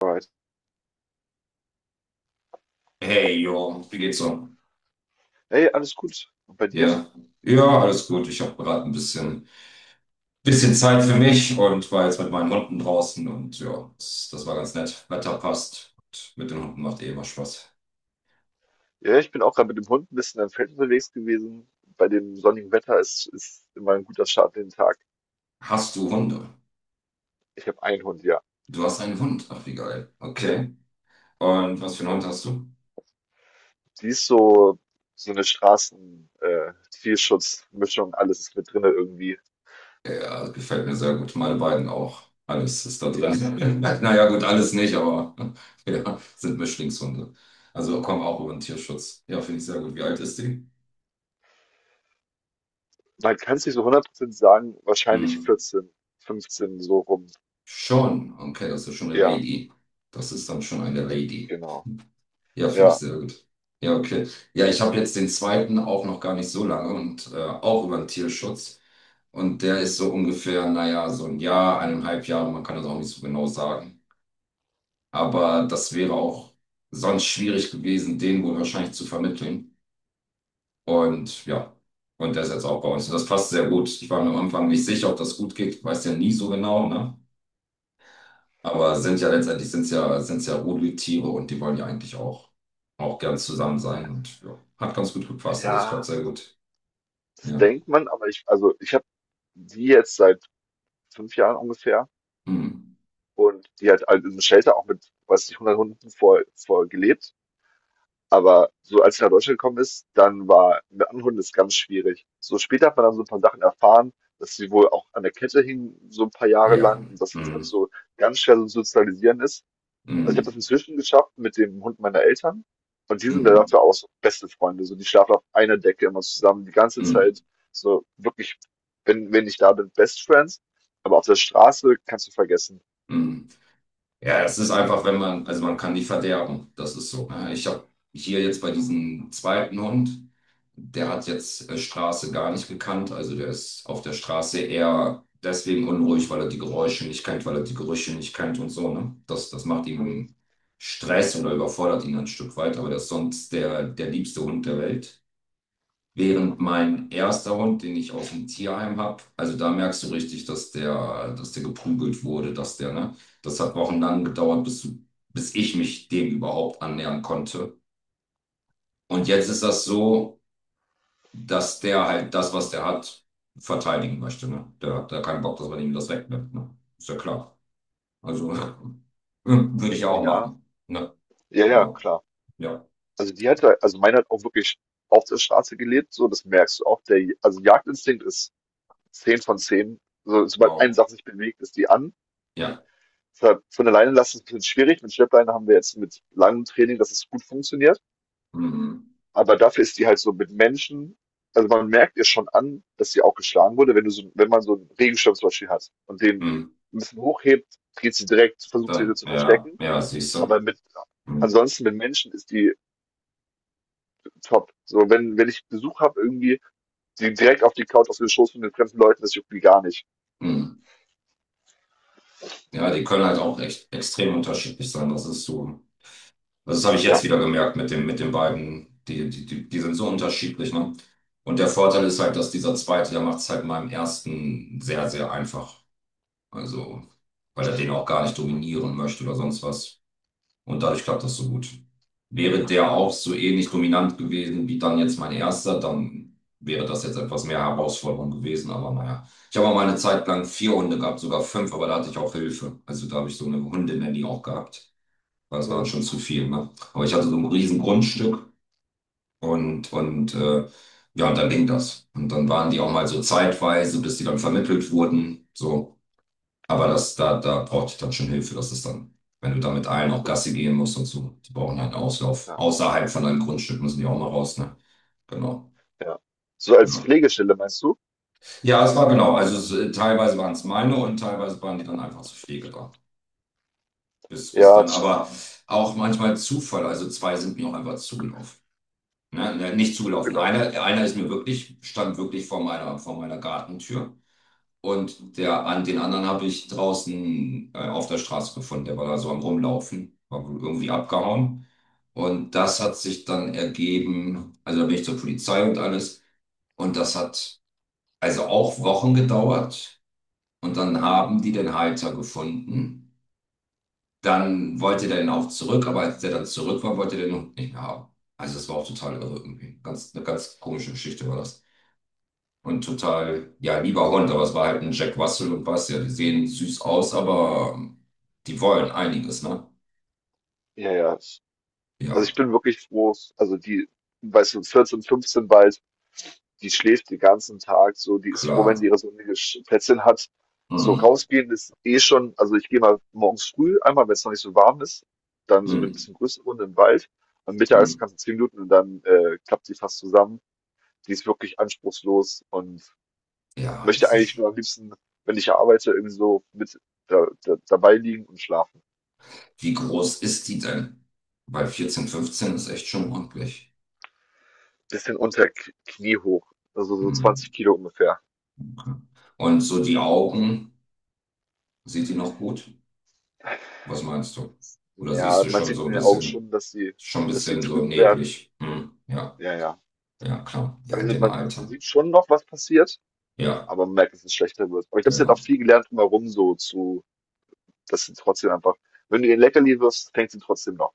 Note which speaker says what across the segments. Speaker 1: Alright.
Speaker 2: Hey, jo, wie geht's so?
Speaker 1: Hey, alles gut. Und bei dir?
Speaker 2: Ja, ja, alles gut. Ich habe gerade ein bisschen Zeit für mich und war jetzt mit meinen Hunden draußen und ja, das war ganz nett. Wetter passt und mit den Hunden macht eh immer Spaß.
Speaker 1: Ja, ich bin auch gerade mit dem Hund ein bisschen am Feld unterwegs gewesen. Bei dem sonnigen Wetter ist immer ein guter Start in den Tag.
Speaker 2: Hast du Hunde?
Speaker 1: Ich habe einen Hund, ja.
Speaker 2: Du hast einen Hund. Ach, wie geil.
Speaker 1: Ja.
Speaker 2: Okay. Und was für einen Hund hast du?
Speaker 1: Die ist so, so eine Tierschutzmischung, alles ist mit drinne irgendwie.
Speaker 2: Ja, gefällt mir sehr gut. Meine beiden auch. Alles ist da
Speaker 1: Ja.
Speaker 2: drin. Naja, gut, alles nicht, aber ja, sind Mischlingshunde. Also kommen auch über den Tierschutz. Ja, finde ich sehr gut. Wie alt ist die?
Speaker 1: Man kann es nicht so 100% sagen, wahrscheinlich
Speaker 2: Hm.
Speaker 1: 14, 15 so rum.
Speaker 2: Schon, okay, das ist schon eine
Speaker 1: Ja,
Speaker 2: Lady. Das ist dann schon eine Lady.
Speaker 1: genau.
Speaker 2: Ja, finde ich
Speaker 1: Ja.
Speaker 2: sehr gut. Ja, okay. Ja, ich habe jetzt den zweiten auch noch gar nicht so lange und auch über den Tierschutz. Und der ist so ungefähr, naja, so ein Jahr, 1,5 Jahre, man kann das auch nicht so genau sagen. Aber das wäre auch sonst schwierig gewesen, den wohl wahrscheinlich zu vermitteln. Und ja, und der ist jetzt auch bei uns. Und das passt sehr gut. Ich war mir am Anfang nicht sicher, ob das gut geht. Weiß ja nie so genau, ne? Aber sind ja letztendlich sind's ja Rudeltiere und die wollen ja eigentlich auch gern zusammen sein. Und ja, hat ganz gut gepasst. Also es klappt
Speaker 1: Ja,
Speaker 2: sehr gut.
Speaker 1: das
Speaker 2: Ja.
Speaker 1: denkt man, aber ich habe die jetzt seit 5 Jahren ungefähr.
Speaker 2: Mm.
Speaker 1: Und die hat halt in einem Shelter auch mit, weiß nicht, 100 Hunden vor gelebt. Aber so als sie nach Deutschland gekommen ist, dann war mit anderen Hunden ist ganz schwierig. So später hat man dann so ein paar Sachen erfahren, dass sie wohl auch an der Kette hing, so ein paar Jahre
Speaker 2: Ja.
Speaker 1: lang, und dass sie deshalb
Speaker 2: Mm.
Speaker 1: so ganz schwer so sozialisieren ist. Also ich habe das
Speaker 2: Mm.
Speaker 1: inzwischen geschafft mit dem Hund meiner Eltern. Und die sind da
Speaker 2: Mm.
Speaker 1: dafür auch so beste Freunde. So, die schlafen auf einer Decke immer zusammen, die ganze
Speaker 2: Mm. Mm.
Speaker 1: Zeit. So wirklich, wenn ich da bin, Best Friends. Aber auf der Straße kannst du vergessen.
Speaker 2: Mm. Ja, es ist einfach, wenn man, also man kann die verderben. Das ist so, ne? Ich habe hier jetzt bei diesem zweiten Hund, der hat jetzt Straße gar nicht gekannt. Also der ist auf der Straße eher deswegen unruhig, weil er die Geräusche nicht kennt, weil er die Gerüche nicht kennt und so, ne? Das, das macht
Speaker 1: Mhm.
Speaker 2: ihm Stress oder überfordert ihn ein Stück weit. Aber der ist sonst der, der liebste Hund der Welt. Während mein erster Hund, den ich aus dem Tierheim habe, also da merkst du richtig, dass der geprügelt wurde, dass der, ne? Das hat wochenlang gedauert, bis ich mich dem überhaupt annähern konnte. Und jetzt ist das so, dass der halt das, was der hat, verteidigen möchte, ne? Der hat da keinen Bock, dass man ihm das wegnimmt, ne? Ist ja klar. Also würde ich ja auch
Speaker 1: Ja.
Speaker 2: machen, ne?
Speaker 1: Ja, ja,
Speaker 2: Genau.
Speaker 1: klar.
Speaker 2: Ja,
Speaker 1: Also meine hat auch wirklich auf der Straße gelebt, so, das merkst du auch. Der, also Jagdinstinkt ist 10 von 10. So, sobald eine
Speaker 2: wow.
Speaker 1: Sache sich bewegt, ist die an.
Speaker 2: Ja,
Speaker 1: Deshalb von alleine lassen ist ein bisschen schwierig. Mit Schleppleine haben wir jetzt mit langem Training, dass es gut funktioniert.
Speaker 2: mhm.
Speaker 1: Aber dafür ist die halt so mit Menschen, also man merkt ihr schon an, dass sie auch geschlagen wurde, wenn man so einen Regenschirm zum Beispiel hat und den
Speaker 2: Mhm.
Speaker 1: ein bisschen hochhebt, geht sie direkt, versucht sich so
Speaker 2: Dann,
Speaker 1: zu
Speaker 2: ja,
Speaker 1: verstecken.
Speaker 2: ja, siehst du.
Speaker 1: Aber mit,
Speaker 2: Mhm.
Speaker 1: ansonsten mit Menschen ist die top. So, wenn ich Besuch habe, irgendwie die direkt auf die Couch auf den Schoß von den fremden Leuten, das juckt mich gar nicht.
Speaker 2: Mhm. Ja, die können halt auch echt extrem unterschiedlich sein. Das ist so. Das habe ich jetzt
Speaker 1: Ja.
Speaker 2: wieder gemerkt mit dem, mit den beiden. Die sind so unterschiedlich, ne? Und der Vorteil ist halt, dass dieser zweite, der macht es halt meinem ersten sehr, sehr einfach. Also, weil er den auch gar nicht dominieren möchte oder sonst was. Und dadurch klappt das so gut. Wäre, ja, der auch so ähnlich dominant gewesen wie dann jetzt mein erster, dann wäre das jetzt etwas mehr Herausforderung gewesen. Aber naja, ich habe auch mal eine Zeit lang vier Hunde gehabt, sogar fünf, aber da hatte ich auch Hilfe. Also da habe ich so eine Hundenanny auch gehabt. Weil das war dann
Speaker 1: Mhm.
Speaker 2: schon zu viel, ne? Aber ich hatte so ein riesen Grundstück und ja, und dann ging das. Und dann waren die auch mal so zeitweise, bis die dann vermittelt wurden. So. Aber das, da, da brauchte ich dann schon Hilfe. Das ist dann, wenn du da mit allen
Speaker 1: Ja,
Speaker 2: auch Gassi gehen musst und so, die brauchen halt einen Auslauf.
Speaker 1: ja,
Speaker 2: Außerhalb von deinem Grundstück müssen die auch mal raus, ne? Genau.
Speaker 1: ja. So als
Speaker 2: Ja,
Speaker 1: Pflegestelle meinst du?
Speaker 2: ja es war genau. Also es, teilweise waren es meine und teilweise waren die dann einfach zur Pflege da. Bis
Speaker 1: Ja,
Speaker 2: dann,
Speaker 1: das ist
Speaker 2: aber auch manchmal Zufall. Also zwei sind mir auch einfach zugelaufen. Ne? Ne, nicht zugelaufen.
Speaker 1: zugelaufen.
Speaker 2: Einer, einer ist mir wirklich, stand wirklich vor meiner Gartentür. Und der, an den anderen habe ich draußen auf der Straße gefunden. Der war da so am Rumlaufen, war wohl irgendwie abgehauen. Und das hat sich dann ergeben, also da bin ich zur Polizei und alles. Und das hat also auch Wochen gedauert. Und dann haben die den Halter gefunden. Dann wollte der den auch zurück, aber als der dann zurück war, wollte der den Hund nicht mehr haben. Also das war auch total irre irgendwie. Ganz, eine ganz komische Geschichte war das. Und total, ja, lieber Hund, aber es war halt ein Jack Russell und was, ja, die sehen süß aus, aber die wollen einiges, ne?
Speaker 1: Ja, ja. Also
Speaker 2: Ja,
Speaker 1: ich bin wirklich froh. Also die, weißt du, 14, 15 war. Die schläft den ganzen Tag so, die ist froh, wenn
Speaker 2: klar.
Speaker 1: sie ihre sonnige Plätzchen hat. So
Speaker 2: Hm,
Speaker 1: rausgehen ist eh schon, also ich gehe mal morgens früh, einmal, wenn es noch nicht so warm ist, dann so eine
Speaker 2: hm,
Speaker 1: bisschen größere Runde im Wald. Am
Speaker 2: hm.
Speaker 1: mittags kannst du 10 Minuten und dann klappt sie fast zusammen. Die ist wirklich anspruchslos und
Speaker 2: Ja,
Speaker 1: möchte eigentlich nur am liebsten, wenn ich arbeite, irgendwie so mit dabei liegen und schlafen.
Speaker 2: Wie groß ist die denn? Weil 14, 15 ist echt schon ordentlich.
Speaker 1: Bisschen unter Knie hoch, also so
Speaker 2: Hm,
Speaker 1: 20 Kilo ungefähr.
Speaker 2: okay. Und so die Augen, sieht die noch gut? Was meinst du? Oder siehst
Speaker 1: Ja,
Speaker 2: du
Speaker 1: man
Speaker 2: schon
Speaker 1: sieht
Speaker 2: so
Speaker 1: in
Speaker 2: ein
Speaker 1: den Augen schon,
Speaker 2: bisschen, schon ein
Speaker 1: dass sie
Speaker 2: bisschen so
Speaker 1: trüb werden.
Speaker 2: neblig? Hm, ja,
Speaker 1: Ja, ja.
Speaker 2: ja, klar. Ja, in
Speaker 1: Also
Speaker 2: dem
Speaker 1: man
Speaker 2: Alter.
Speaker 1: sieht schon noch, was passiert,
Speaker 2: Ja,
Speaker 1: aber man merkt, dass es schlechter wird. Aber ich
Speaker 2: ja.
Speaker 1: glaube, sie hat auch
Speaker 2: Ja.
Speaker 1: viel gelernt drumherum so dass sie trotzdem, wenn du ihr ein Leckerli wirst, fängt sie trotzdem noch.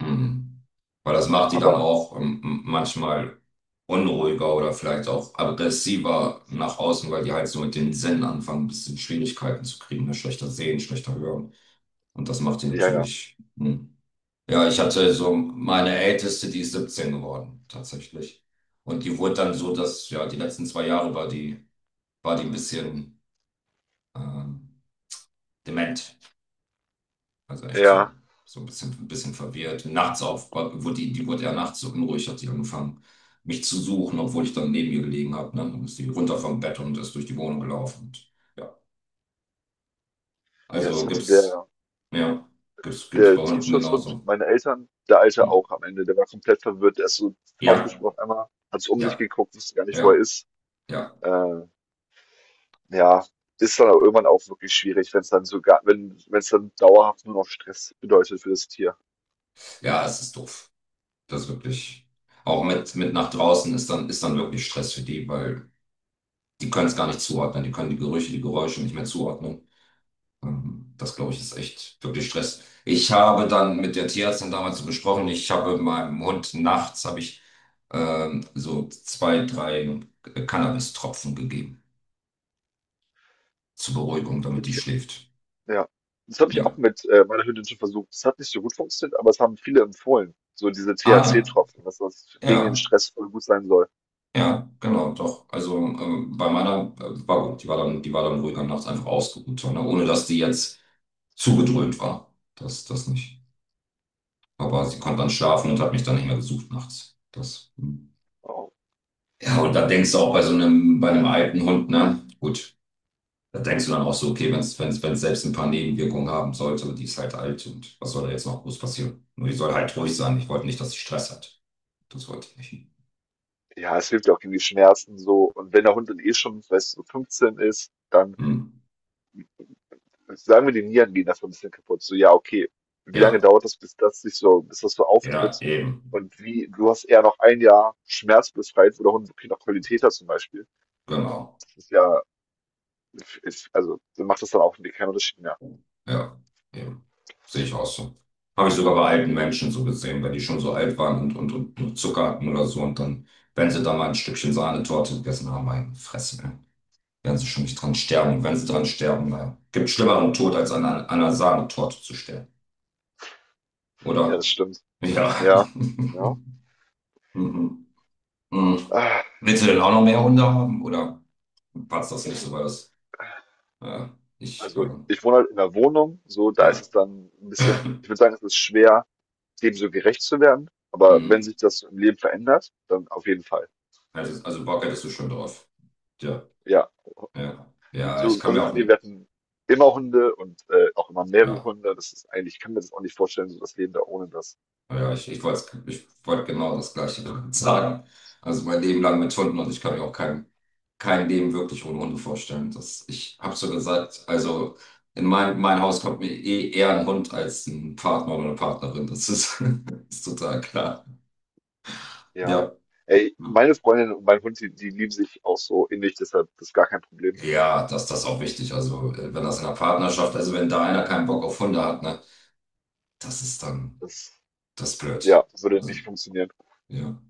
Speaker 2: Mhm. Weil das macht die dann
Speaker 1: Aber
Speaker 2: auch manchmal unruhiger oder vielleicht auch aggressiver nach außen, weil die halt so mit den Sinnen anfangen, ein bisschen Schwierigkeiten zu kriegen, ne? Schlechter sehen, schlechter hören. Und das macht die
Speaker 1: ja, ja,
Speaker 2: natürlich. Hm. Ja, ich hatte so meine Älteste, die ist 17 geworden, tatsächlich. Und die wurde dann so, dass ja die letzten 2 Jahre war die ein bisschen äh, dement. Also echt
Speaker 1: ja,
Speaker 2: so, ein bisschen verwirrt. Nachts auf, die wurde ja nachts so unruhig, hat sie angefangen, mich zu suchen, obwohl ich dann neben ihr gelegen habe. Ne? Dann ist sie runter vom Bett und ist durch die Wohnung gelaufen. Und, ja.
Speaker 1: ja, das
Speaker 2: Also
Speaker 1: hatte der,
Speaker 2: ja, gibt's bei
Speaker 1: der
Speaker 2: Hunden
Speaker 1: Tierschutzhund,
Speaker 2: genauso.
Speaker 1: meine Eltern, der Alte
Speaker 2: Hm.
Speaker 1: auch am Ende, der war komplett verwirrt, der ist so
Speaker 2: Ja,
Speaker 1: aufgesprungen auf einmal, hat so um sich
Speaker 2: ja,
Speaker 1: geguckt, wusste gar nicht, wo er
Speaker 2: ja,
Speaker 1: ist.
Speaker 2: ja.
Speaker 1: Äh, ja, ist dann aber irgendwann auch wirklich schwierig, wenn es dann sogar, wenn es dann dauerhaft nur noch Stress bedeutet für das Tier.
Speaker 2: Ja, es ist doof. Das ist wirklich. Auch mit nach draußen ist dann, wirklich Stress für die, weil die können es gar nicht zuordnen. Die können die Gerüche, die Geräusche nicht mehr zuordnen. Das, glaube ich, ist echt wirklich Stress. Ich habe dann mit der Tierärztin damals so besprochen, ich habe meinem Hund nachts, habe ich so zwei, drei Cannabis-Tropfen gegeben zur Beruhigung, damit die schläft.
Speaker 1: Ja. Das habe ich auch
Speaker 2: Ja.
Speaker 1: mit meiner Hündin schon versucht. Das hat nicht so gut funktioniert, aber es haben viele empfohlen. So diese
Speaker 2: Ah,
Speaker 1: THC-Tropfen, dass das gegen den
Speaker 2: ja,
Speaker 1: Stress voll gut sein soll.
Speaker 2: ja, ja, genau, doch. Also bei meiner war gut, die war dann ruhig am Nachts einfach ausgeruht, ne? Ohne dass die jetzt zugedröhnt war. Das, das nicht. Aber sie konnte dann schlafen und hat mich dann nicht mehr gesucht nachts. Das. Hm.
Speaker 1: Oh.
Speaker 2: Ja, und da denkst du auch bei so einem, bei einem alten Hund, ne? Gut, da denkst du dann auch so, okay, wenn es selbst ein paar Nebenwirkungen haben sollte und die ist halt alt und was soll da jetzt noch groß passieren? Nur die soll halt ruhig sein. Ich wollte nicht, dass sie Stress hat. Das wollte ich nicht.
Speaker 1: Ja, es hilft ja auch gegen die Schmerzen so. Und wenn der Hund dann eh schon, weißt du, so 15 ist, dann
Speaker 2: Hm.
Speaker 1: sagen wir, die Nieren gehen nach 15 kaputt. So, ja, okay. Wie lange
Speaker 2: Ja,
Speaker 1: dauert das, bis das sich so, bis das so
Speaker 2: ja,
Speaker 1: auftritt?
Speaker 2: eben.
Speaker 1: Und wie, du hast eher noch ein Jahr schmerzbefreit, wo der Hund wirklich noch Qualität hat zum Beispiel.
Speaker 2: Genau.
Speaker 1: Das ist ja, ist, also, dann macht das dann auch keinen Unterschied mehr.
Speaker 2: Ja, eben. Sehe ich auch so. Habe ich sogar bei alten Menschen so gesehen, wenn die schon so alt waren und nur Zucker hatten oder so und dann, wenn sie da mal ein Stückchen Sahnetorte gegessen haben, meine Fresse. Ne? Werden sie schon nicht dran sterben. Und wenn sie dran sterben, gibt schlimmeren Tod, als an einer Sahnetorte zu sterben.
Speaker 1: Ja, das
Speaker 2: Oder?
Speaker 1: stimmt.
Speaker 2: Ja.
Speaker 1: Ja, ja.
Speaker 2: Mhm. Mhm.
Speaker 1: Ah,
Speaker 2: Willst du denn auch noch mehr Hunde haben? Oder passt das nicht so, weil das, äh, ich,
Speaker 1: also ich wohne halt in 'ner Wohnung, so, da ist
Speaker 2: ja,
Speaker 1: es dann ein bisschen, ich würde sagen, es ist schwer, dem so gerecht zu werden, aber wenn
Speaker 2: mhm.
Speaker 1: sich das im Leben verändert, dann auf jeden Fall,
Speaker 2: Also Bock hättest du schon drauf. Ja,
Speaker 1: ja.
Speaker 2: ja, ja, ich
Speaker 1: So,
Speaker 2: kann
Speaker 1: unsere
Speaker 2: mir auch,
Speaker 1: Familie, wir hatten immer Hunde und, auch immer mehrere
Speaker 2: ja.
Speaker 1: Hunde. Das ist eigentlich, ich kann mir das auch nicht vorstellen, so das Leben da ohne das.
Speaker 2: Ja, ich wollte genau das Gleiche sagen. Also mein Leben lang mit Hunden und ich kann mir auch kein Leben wirklich ohne Hunde vorstellen. Das, ich habe so gesagt, also in mein Haus kommt mir eh eher ein Hund als ein Partner oder eine Partnerin. Das ist, ist total klar.
Speaker 1: Ja.
Speaker 2: Ja.
Speaker 1: Ey, meine Freundin und mein Hund, die lieben sich auch so innig, deshalb das ist gar kein Problem.
Speaker 2: Ja, das, das ist auch wichtig. Also wenn das in einer Partnerschaft, also wenn da einer keinen Bock auf Hunde hat, ne, das ist dann,
Speaker 1: Das,
Speaker 2: das ist blöd.
Speaker 1: ja, würde
Speaker 2: Also,
Speaker 1: nicht funktionieren.
Speaker 2: ja.